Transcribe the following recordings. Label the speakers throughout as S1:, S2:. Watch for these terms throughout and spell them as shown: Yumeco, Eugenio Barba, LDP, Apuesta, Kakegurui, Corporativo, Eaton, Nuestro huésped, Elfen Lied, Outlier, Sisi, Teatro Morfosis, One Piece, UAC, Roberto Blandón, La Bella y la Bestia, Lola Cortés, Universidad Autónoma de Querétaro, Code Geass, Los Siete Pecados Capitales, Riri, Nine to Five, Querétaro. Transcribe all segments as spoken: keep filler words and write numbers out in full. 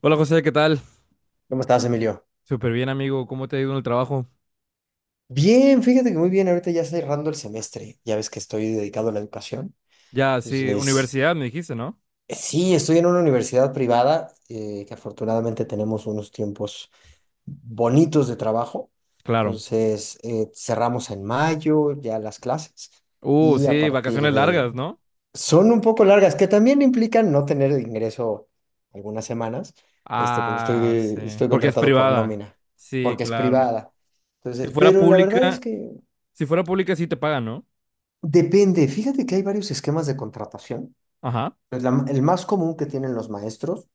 S1: Hola José, ¿qué tal?
S2: ¿Cómo estás, Emilio?
S1: Súper bien, amigo. ¿Cómo te ha ido en el trabajo?
S2: Bien, fíjate que muy bien, ahorita ya cerrando el semestre, ya ves que estoy dedicado a la educación.
S1: Ya, sí,
S2: Entonces,
S1: universidad me dijiste, ¿no?
S2: eh, sí, estoy en una universidad privada, eh, que afortunadamente tenemos unos tiempos bonitos de trabajo.
S1: Claro.
S2: Entonces, eh, cerramos en mayo ya las clases
S1: Uh,
S2: y a
S1: sí,
S2: partir
S1: vacaciones
S2: de,
S1: largas, ¿no?
S2: son un poco largas, que también implican no tener ingreso algunas semanas, este, porque
S1: Ah, sí.
S2: estoy, estoy
S1: Porque es
S2: contratado por
S1: privada.
S2: nómina,
S1: Sí,
S2: porque es
S1: claro.
S2: privada.
S1: Si
S2: Entonces,
S1: fuera
S2: pero la verdad
S1: pública,
S2: es que
S1: si fuera pública sí te pagan, ¿no?
S2: depende. Fíjate que hay varios esquemas de contratación.
S1: Ajá.
S2: Pues la- el más común que tienen los maestros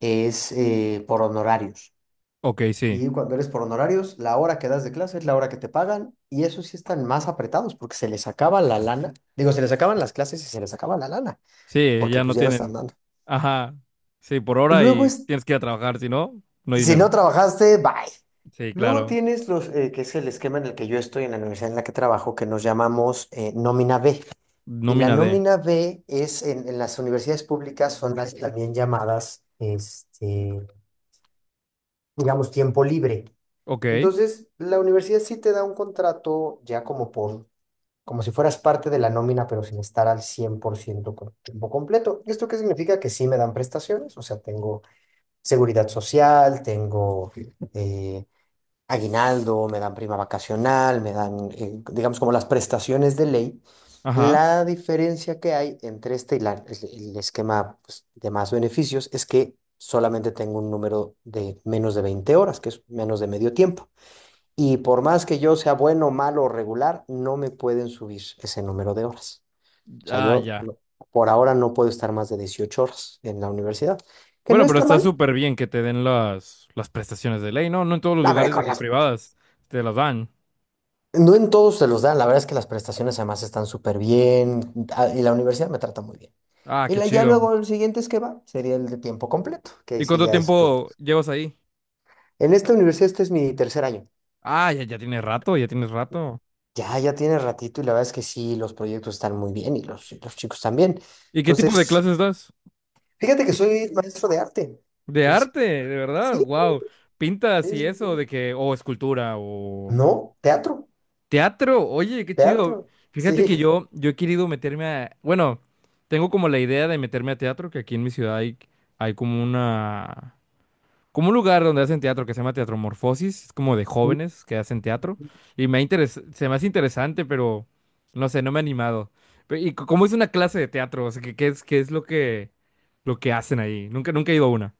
S2: es eh, por honorarios.
S1: Ok, sí.
S2: Y cuando eres por honorarios, la hora que das de clase es la hora que te pagan, y eso sí están más apretados porque se les acaba la lana. Digo, se les acaban las clases y se les acaba la lana,
S1: Sí,
S2: porque
S1: ya no
S2: pues ya no están
S1: tienen.
S2: dando.
S1: Ajá. Sí, por hora
S2: Luego
S1: y tienes que ir a trabajar, si no, no hay
S2: si no
S1: dinero.
S2: trabajaste, bye.
S1: Sí,
S2: Luego
S1: claro.
S2: tienes los, eh, que es el esquema en el que yo estoy en la universidad en la que trabajo, que nos llamamos eh, nómina B. Y la
S1: Nómina de.
S2: nómina B es en, en las universidades públicas, son las también llamadas, este, digamos, tiempo libre.
S1: Ok.
S2: Entonces, la universidad sí te da un contrato ya como por, como si fueras parte de la nómina, pero sin estar al cien por ciento con tiempo completo. ¿Esto qué significa? Que sí me dan prestaciones, o sea, tengo seguridad social, tengo... eh, aguinaldo, me dan prima vacacional, me dan, eh, digamos, como las prestaciones de ley.
S1: Ajá.
S2: La diferencia que hay entre este y la- el, el esquema, pues, de más beneficios es que solamente tengo un número de menos de veinte horas, que es menos de medio tiempo. Y por más que yo sea bueno, malo o regular, no me pueden subir ese número de horas. O sea,
S1: Ah,
S2: yo
S1: ya.
S2: no- por ahora no puedo estar más de dieciocho horas en la universidad, que no
S1: Bueno, pero
S2: está
S1: está
S2: mal.
S1: súper bien que te den las, las prestaciones de ley, ¿no? No en todos los
S2: No, hombre,
S1: lugares de
S2: con
S1: que
S2: las
S1: privadas te las dan.
S2: No en todos se los dan, la verdad es que las prestaciones además están súper bien ah, y la universidad me trata muy bien.
S1: Ah,
S2: Y
S1: qué
S2: la- ya
S1: chido.
S2: luego el siguiente es que va, sería el de tiempo completo, que ahí
S1: ¿Y
S2: sí
S1: cuánto
S2: ya es pues,
S1: tiempo llevas ahí?
S2: en esta universidad este es mi tercer año.
S1: Ah, ya, ya tienes rato, ya tienes rato.
S2: Ya, ya tiene ratito y la verdad es que sí, los proyectos están muy bien y los, y los chicos también.
S1: ¿Y qué tipo de
S2: Entonces,
S1: clases das?
S2: fíjate que soy maestro de arte.
S1: De
S2: Entonces,
S1: arte, de
S2: sí,
S1: verdad, wow. Pintas
S2: sí,
S1: y
S2: sí,
S1: eso, de
S2: sí.
S1: que, o escultura, o
S2: No, teatro,
S1: teatro, oye, qué chido.
S2: teatro,
S1: Fíjate que
S2: sí.
S1: yo, yo he querido meterme a, bueno, tengo como la idea de meterme a teatro, que aquí en mi ciudad hay, hay como una como un lugar donde hacen teatro que se llama Teatro Morfosis, es como de jóvenes que hacen teatro, y me ha interes- se me hace interesante, pero no sé, no me ha animado. Pe- y c- cómo es una clase de teatro, o sea, ¿qué, qué es, qué es lo que, lo que hacen ahí? Nunca, nunca he ido a una.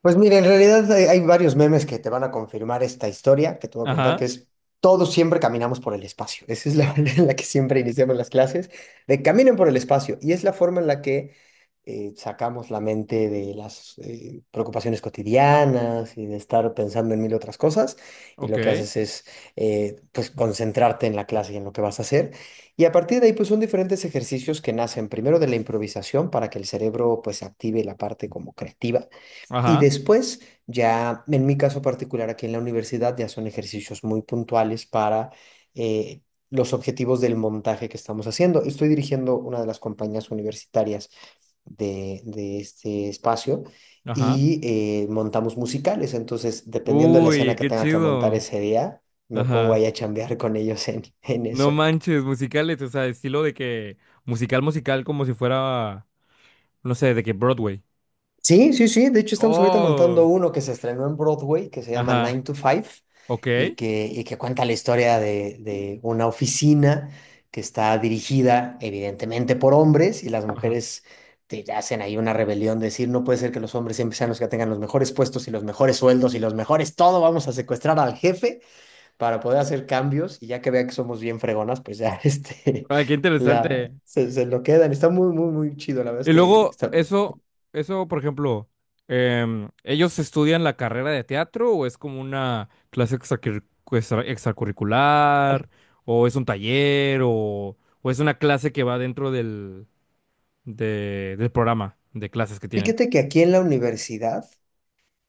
S2: Pues mira, en realidad hay, hay varios memes que te van a confirmar esta historia que te voy a contar, que
S1: Ajá,
S2: es todos siempre caminamos por el espacio. Esa es la manera en la que siempre iniciamos las clases, de caminen por el espacio. Y es la forma en la que eh, sacamos la mente de las eh, preocupaciones cotidianas y de estar pensando en mil otras cosas. Y
S1: ok,
S2: lo que haces es eh, pues concentrarte en la clase y en lo que vas a hacer. Y a partir de ahí, pues son diferentes ejercicios que nacen primero de la improvisación para que el cerebro pues active la parte como creativa y
S1: ajá,
S2: después, ya en mi caso particular aquí en la universidad, ya son ejercicios muy puntuales para eh, los objetivos del montaje que estamos haciendo. Estoy dirigiendo una de las compañías universitarias de, de este espacio
S1: ajá.
S2: y eh, montamos musicales. Entonces, dependiendo de la escena
S1: Uy,
S2: que
S1: qué
S2: tenga que montar
S1: chido.
S2: ese día, me pongo
S1: Ajá.
S2: ahí a chambear con ellos en, en
S1: No
S2: eso.
S1: manches, musicales, o sea, estilo de que musical, musical, como si fuera, no sé, de que Broadway.
S2: Sí, sí, sí. De hecho, estamos ahorita montando
S1: Oh,
S2: uno que se estrenó en Broadway, que se llama
S1: ajá,
S2: Nine to Five,
S1: ok,
S2: y que, y que cuenta la historia de, de una oficina que está dirigida evidentemente por hombres y las
S1: ajá.
S2: mujeres te hacen ahí una rebelión, de decir, no puede ser que los hombres siempre sean los que tengan los mejores puestos y los mejores sueldos y los mejores todo, vamos a secuestrar al jefe para poder hacer cambios y ya que vea que somos bien fregonas, pues ya este,
S1: Ay, qué
S2: la,
S1: interesante.
S2: se, se lo quedan. Está muy, muy, muy chido, la verdad es
S1: Y
S2: que
S1: luego,
S2: está,
S1: eso, eso, por ejemplo, em, ¿ellos estudian la carrera de teatro o es como una clase extracurri- extra- extracurricular? ¿O es un taller? ¿O, o es una clase que va dentro del, de- del programa de clases que tienen?
S2: fíjate que aquí en la universidad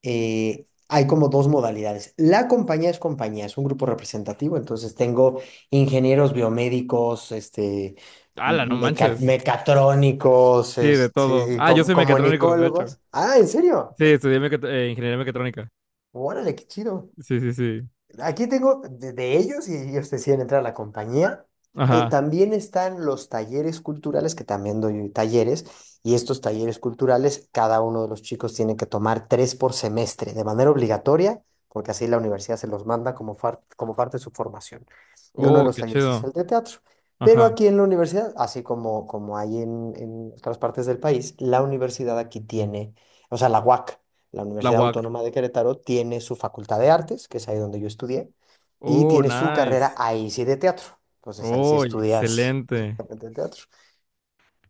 S2: eh, hay como dos modalidades. La compañía es compañía, es un grupo representativo, entonces tengo ingenieros biomédicos, este,
S1: ¡Hala, no
S2: meca-
S1: manches!
S2: mecatrónicos,
S1: Sí, de todo.
S2: este,
S1: Ah, yo
S2: com-
S1: soy mecatrónico, de hecho.
S2: comunicólogos. Ah, ¿en serio?
S1: Sí, estudié mecat- eh, ingeniería mecatrónica.
S2: Órale, qué chido.
S1: Sí, sí, sí.
S2: Aquí tengo de, de ellos y ellos deciden entrar a la compañía. Eh,
S1: Ajá.
S2: También están los talleres culturales, que también doy talleres, y estos talleres culturales, cada uno de los chicos tiene que tomar tres por semestre de manera obligatoria, porque así la universidad se los manda como, far- como parte de su formación. Y uno de
S1: Oh,
S2: los
S1: qué
S2: talleres es
S1: chido.
S2: el de teatro. Pero
S1: Ajá.
S2: aquí en la universidad, así como, como hay en, en otras partes del país, la universidad aquí tiene, o sea, la U A C. La
S1: La
S2: Universidad
S1: U A C.
S2: Autónoma de Querétaro tiene su Facultad de Artes, que es ahí donde yo estudié, y
S1: Oh,
S2: tiene su carrera
S1: nice.
S2: ahí sí de teatro. Entonces ahí sí
S1: Oh,
S2: estudias
S1: excelente.
S2: directamente el teatro.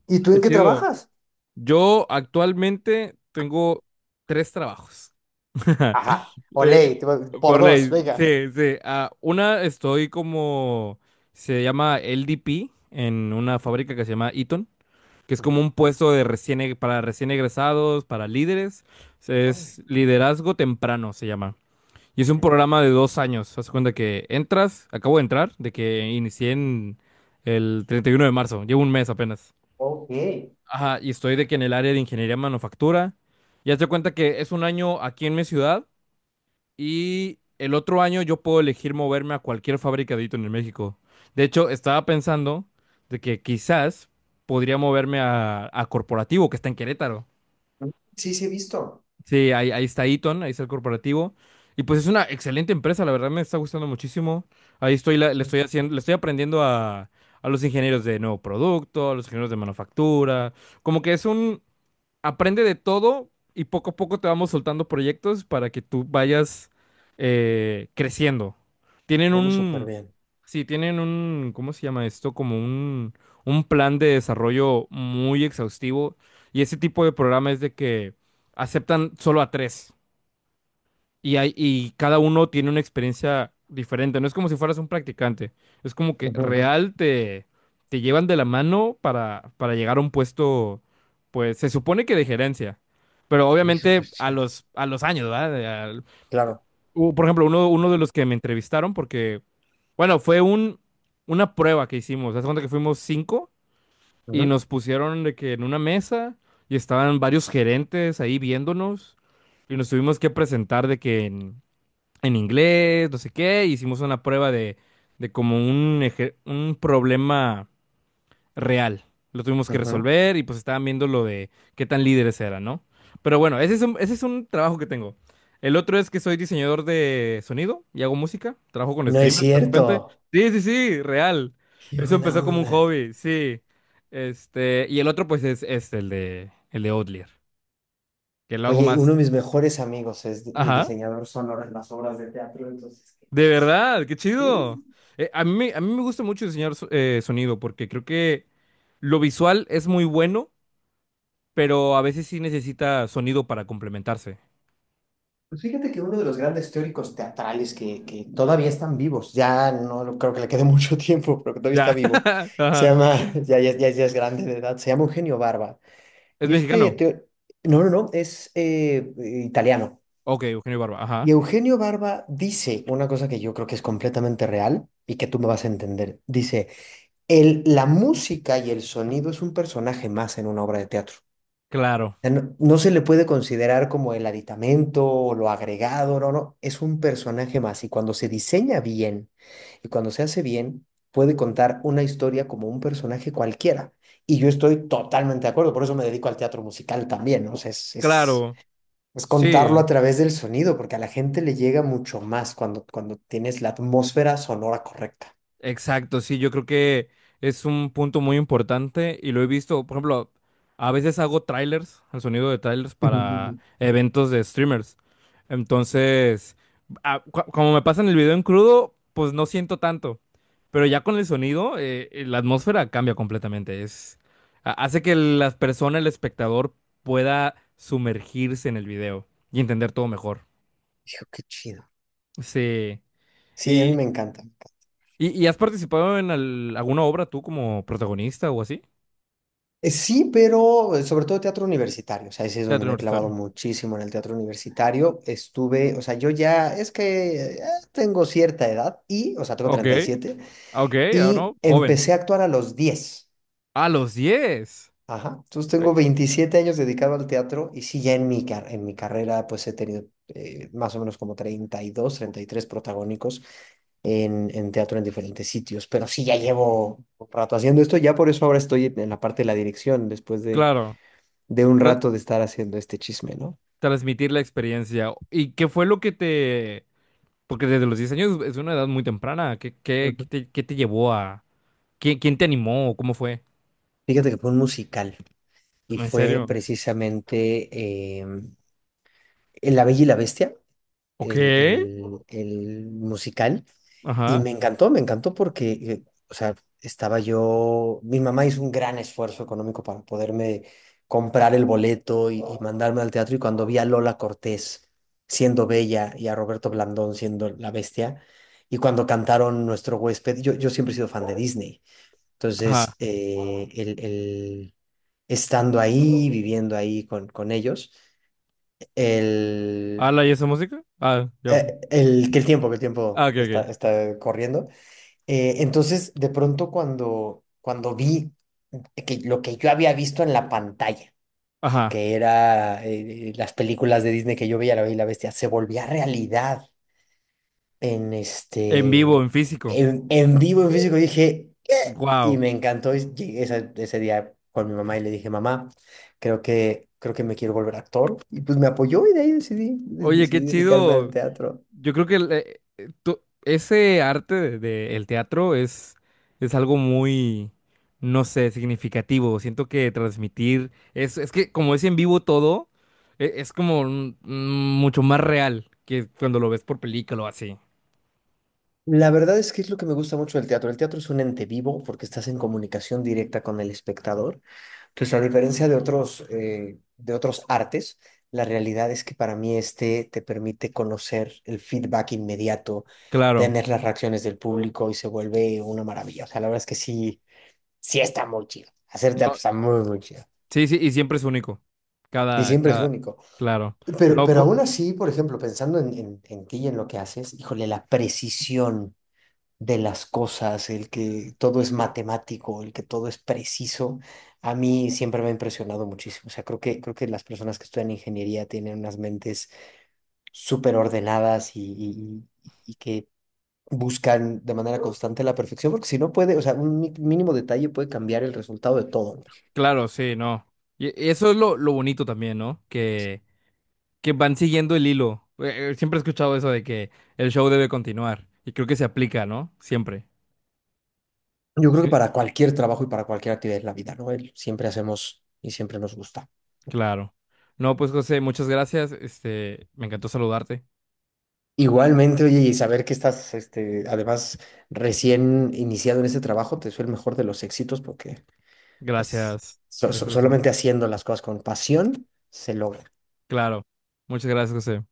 S2: ¿Y tú
S1: Qué
S2: en qué
S1: chido.
S2: trabajas?
S1: Yo actualmente tengo tres trabajos.
S2: Ajá,
S1: Eh,
S2: olé, te va- por
S1: por
S2: dos,
S1: ley,
S2: venga.
S1: sí, sí. Ah, una estoy como, se llama L D P en una fábrica que se llama Eaton, que es como
S2: Ujú,
S1: un puesto de recién, e- para recién egresados, para líderes. Se- Es
S2: órale,
S1: liderazgo temprano, se llama. Y es
S2: ok.
S1: un programa de dos años. Haz cuenta que entras, acabo de entrar, de que inicié en el treinta y uno de marzo, llevo un mes apenas.
S2: Ok.
S1: Ajá, y estoy de que en el área de ingeniería manufactura. Ya te cuenta que es un año aquí en mi ciudad y el otro año yo puedo elegir moverme a cualquier fabricadito en el México. De hecho, estaba pensando de que quizás podría moverme a, a Corporativo, que está en Querétaro.
S2: Mm. Sí, sí, he visto.
S1: Sí, ahí, ahí está Eaton, ahí está el corporativo. Y pues es una excelente empresa, la verdad me está gustando muchísimo. Ahí estoy, la- le
S2: Sí.
S1: estoy haciendo, le estoy aprendiendo a, a los ingenieros de nuevo producto, a los ingenieros de manufactura. Como que es un, aprende de todo y poco a poco te vamos soltando proyectos para que tú vayas eh, creciendo. Tienen
S2: Oh, súper
S1: un,
S2: bien.
S1: sí, tienen un, ¿cómo se llama esto? Como un, un plan de desarrollo muy exhaustivo y ese tipo de programa es de que aceptan solo a tres. Y, hay, y cada uno tiene una experiencia diferente. No es como si fueras un practicante. Es como que
S2: Ujú, ujú.
S1: real te, te llevan de la mano para, para llegar a un puesto, pues se supone que de gerencia. Pero
S2: Sí,
S1: obviamente
S2: súper
S1: a
S2: chido.
S1: los, a los años, ¿verdad? De- al-
S2: Claro.
S1: u- por ejemplo, uno, uno de los que me entrevistaron porque, bueno, fue un, una prueba que hicimos. Haz de cuenta que fuimos cinco y
S2: Ujú,
S1: nos pusieron de que en una mesa y estaban varios gerentes ahí viéndonos y nos tuvimos que presentar de que en en inglés, no sé qué, e hicimos una prueba de, de como un, eje- un problema real. Lo tuvimos que
S2: ujú.
S1: resolver y pues estaban viendo lo de qué tan líderes eran, ¿no? Pero bueno, ese es un, ese es un trabajo que tengo. El otro es que soy diseñador de sonido y hago música. Trabajo con
S2: No es
S1: streamers de repente.
S2: cierto.
S1: Sí, sí, sí, real.
S2: Qué
S1: Eso
S2: buena
S1: empezó como un
S2: onda.
S1: hobby, sí. Este, y el otro pues es, es el de, el de Outlier, que lo hago
S2: Oye, uno
S1: más.
S2: de mis mejores amigos es di- mi
S1: Ajá.
S2: diseñador sonoro en las obras de teatro, entonces, qué
S1: De
S2: cosa.
S1: verdad, qué
S2: Sí, sí,
S1: chido.
S2: sí.
S1: Eh, a mí, me- a mí me gusta mucho diseñar so- eh, sonido porque creo que lo visual es muy bueno, pero a veces sí necesita sonido para complementarse.
S2: Pues fíjate que uno de los grandes teóricos teatrales que, que todavía están vivos, ya no lo- creo que le quede mucho tiempo, pero que todavía está
S1: Ya.
S2: vivo, se
S1: Ajá.
S2: llama, ya, ya, ya, ya es grande de edad, se llama Eugenio Barba.
S1: ¿Es
S2: Y este,
S1: mexicano?
S2: teo- no, no, no, es eh, eh, italiano.
S1: Ok, Eugenio Barba.
S2: Y
S1: Ajá.
S2: Eugenio Barba dice una cosa que yo creo que es completamente real y que tú me vas a entender. Dice, el, la música y el sonido es un personaje más en una obra de teatro.
S1: Claro,
S2: O sea, no, no se le puede considerar como el aditamento o lo agregado, no, no, es un personaje más y cuando se diseña bien y cuando se hace bien, puede contar una historia como un personaje cualquiera. Y yo estoy totalmente de acuerdo, por eso me dedico al teatro musical también, ¿no? O sea, es, es,
S1: claro.
S2: es contarlo
S1: Sí.
S2: a través del sonido, porque a la gente le llega mucho más cuando, cuando tienes la atmósfera sonora correcta.
S1: Exacto, sí, yo creo que es un punto muy importante y lo he visto, por ejemplo, a veces hago trailers, el sonido de trailers para
S2: Dijo,
S1: eventos de streamers. Entonces, a- cu- como me pasan el video en crudo, pues no siento tanto, pero ya con el sonido, eh, eh, la atmósfera cambia completamente. Es, ha- hace que las personas, el espectador, pueda sumergirse en el video y entender todo mejor.
S2: qué chido.
S1: Sí.
S2: Sí, a mí me encanta.
S1: ¿Y, y has participado en al- alguna obra tú como protagonista o así?
S2: Eh, Sí, pero eh, sobre todo teatro universitario, o sea, ese es donde
S1: Teatro
S2: me he clavado
S1: universitario.
S2: muchísimo en el teatro universitario. Estuve, o sea, yo ya es que eh, tengo cierta edad y, o sea, tengo
S1: Ok,
S2: treinta y siete
S1: ok, ah,
S2: y
S1: no, joven.
S2: empecé a actuar a los diez.
S1: A los diez,
S2: Ajá. Entonces
S1: Eh,
S2: tengo veintisiete años dedicado al teatro y sí, ya en mi, car- en mi carrera pues he tenido eh, más o menos como treinta treinta y dos, treinta y tres protagónicos en, en teatro en diferentes sitios, pero sí, ya llevo un rato haciendo esto, ya por eso ahora estoy en la parte de la dirección después de
S1: Claro,
S2: de un
S1: tra-
S2: rato de estar haciendo este chisme, ¿no?
S1: transmitir la experiencia. ¿Y qué fue lo que te... Porque desde los diez años es una edad muy temprana. ¿Qué, qué,
S2: Ujú.
S1: qué te, qué te llevó a... ¿Quién, quién te animó? ¿Cómo fue?
S2: Fíjate que fue un musical y
S1: ¿En
S2: fue
S1: serio?
S2: precisamente em, en La Bella y la Bestia,
S1: Ok.
S2: el, el- el musical, y
S1: Ajá.
S2: me encantó, me encantó porque, eh, o sea, estaba yo, mi mamá hizo un gran esfuerzo económico para poderme comprar el boleto y, y mandarme al teatro, y cuando vi a Lola Cortés siendo Bella y a Roberto Blandón siendo la Bestia, y cuando cantaron Nuestro huésped, yo, yo siempre he sido fan de Disney.
S1: Ajá.
S2: Entonces, eh, el, el- estando ahí, viviendo ahí con, con ellos, el,
S1: ¿Ala y esa música? Ah, ya fue.
S2: eh, el, que el tiempo, que el
S1: Ah,
S2: tiempo
S1: ok,
S2: está,
S1: ok.
S2: está corriendo. Eh, entonces, de pronto cuando, cuando vi que lo que yo había visto en la pantalla,
S1: Ajá.
S2: que era eh, las películas de Disney que yo veía, La Bella y la Bestia, se volvía realidad. en
S1: En vivo,
S2: este,
S1: en físico.
S2: en, en vivo, en físico, dije, ¿qué? Y
S1: Wow.
S2: me encantó. Y llegué ese, ese día con mi mamá y le dije, mamá, creo que, creo que me quiero volver actor. Y pues me apoyó y de ahí decidí, de-
S1: Oye, qué
S2: decidí dedicarme al
S1: chido.
S2: teatro.
S1: Yo creo que el, eh, eh, to- ese arte de- de el teatro es, es algo muy, no sé, significativo. Siento que transmitir, es, es que como es en vivo todo, e- es, como mm, mm, mucho más real que cuando lo ves por película o así.
S2: La verdad es que es lo que me gusta mucho del teatro. El teatro es un ente vivo porque estás en comunicación directa con el espectador. Pues a diferencia de otros, eh, de otros artes, la realidad es que para mí este te permite conocer el feedback inmediato,
S1: Claro.
S2: tener las reacciones del público y se vuelve una maravilla. O sea, la verdad es que sí, sí está muy chido. Hacer teatro
S1: No,
S2: está muy, muy chido.
S1: sí, sí, y siempre es único.
S2: Y
S1: Cada,
S2: siempre es
S1: cada,
S2: único.
S1: claro.
S2: Pero,
S1: No,
S2: pero
S1: po-
S2: aún así, por ejemplo, pensando en, en, en ti y en lo que haces, híjole, la precisión de las cosas, el que todo es matemático, el que todo es preciso, a mí siempre me ha impresionado muchísimo. O sea, creo que, creo que las personas que estudian ingeniería tienen unas mentes súper ordenadas y, y- y que buscan de manera constante la perfección, porque si no puede, o sea, un mi- mínimo detalle puede cambiar el resultado de todo, ¿no?
S1: claro, sí, no. Y y eso es lo, lo bonito también, ¿no? que que van siguiendo el hilo. Eh, eh, Siempre he escuchado eso de que el show debe continuar y creo que se aplica, ¿no? Siempre.
S2: Yo creo que
S1: Sí,
S2: para cualquier trabajo y para cualquier actividad en la vida, ¿no? El- siempre hacemos y siempre nos gusta.
S1: claro. No, pues José, muchas gracias. Este, me encantó saludarte.
S2: Igualmente, oye, y saber que estás, este, además, recién iniciado en este trabajo, te deseo el mejor de los éxitos porque, pues,
S1: Gracias.
S2: so-
S1: Gracias,
S2: so-
S1: José.
S2: solamente haciendo las cosas con pasión se logra.
S1: Claro. Muchas gracias, José.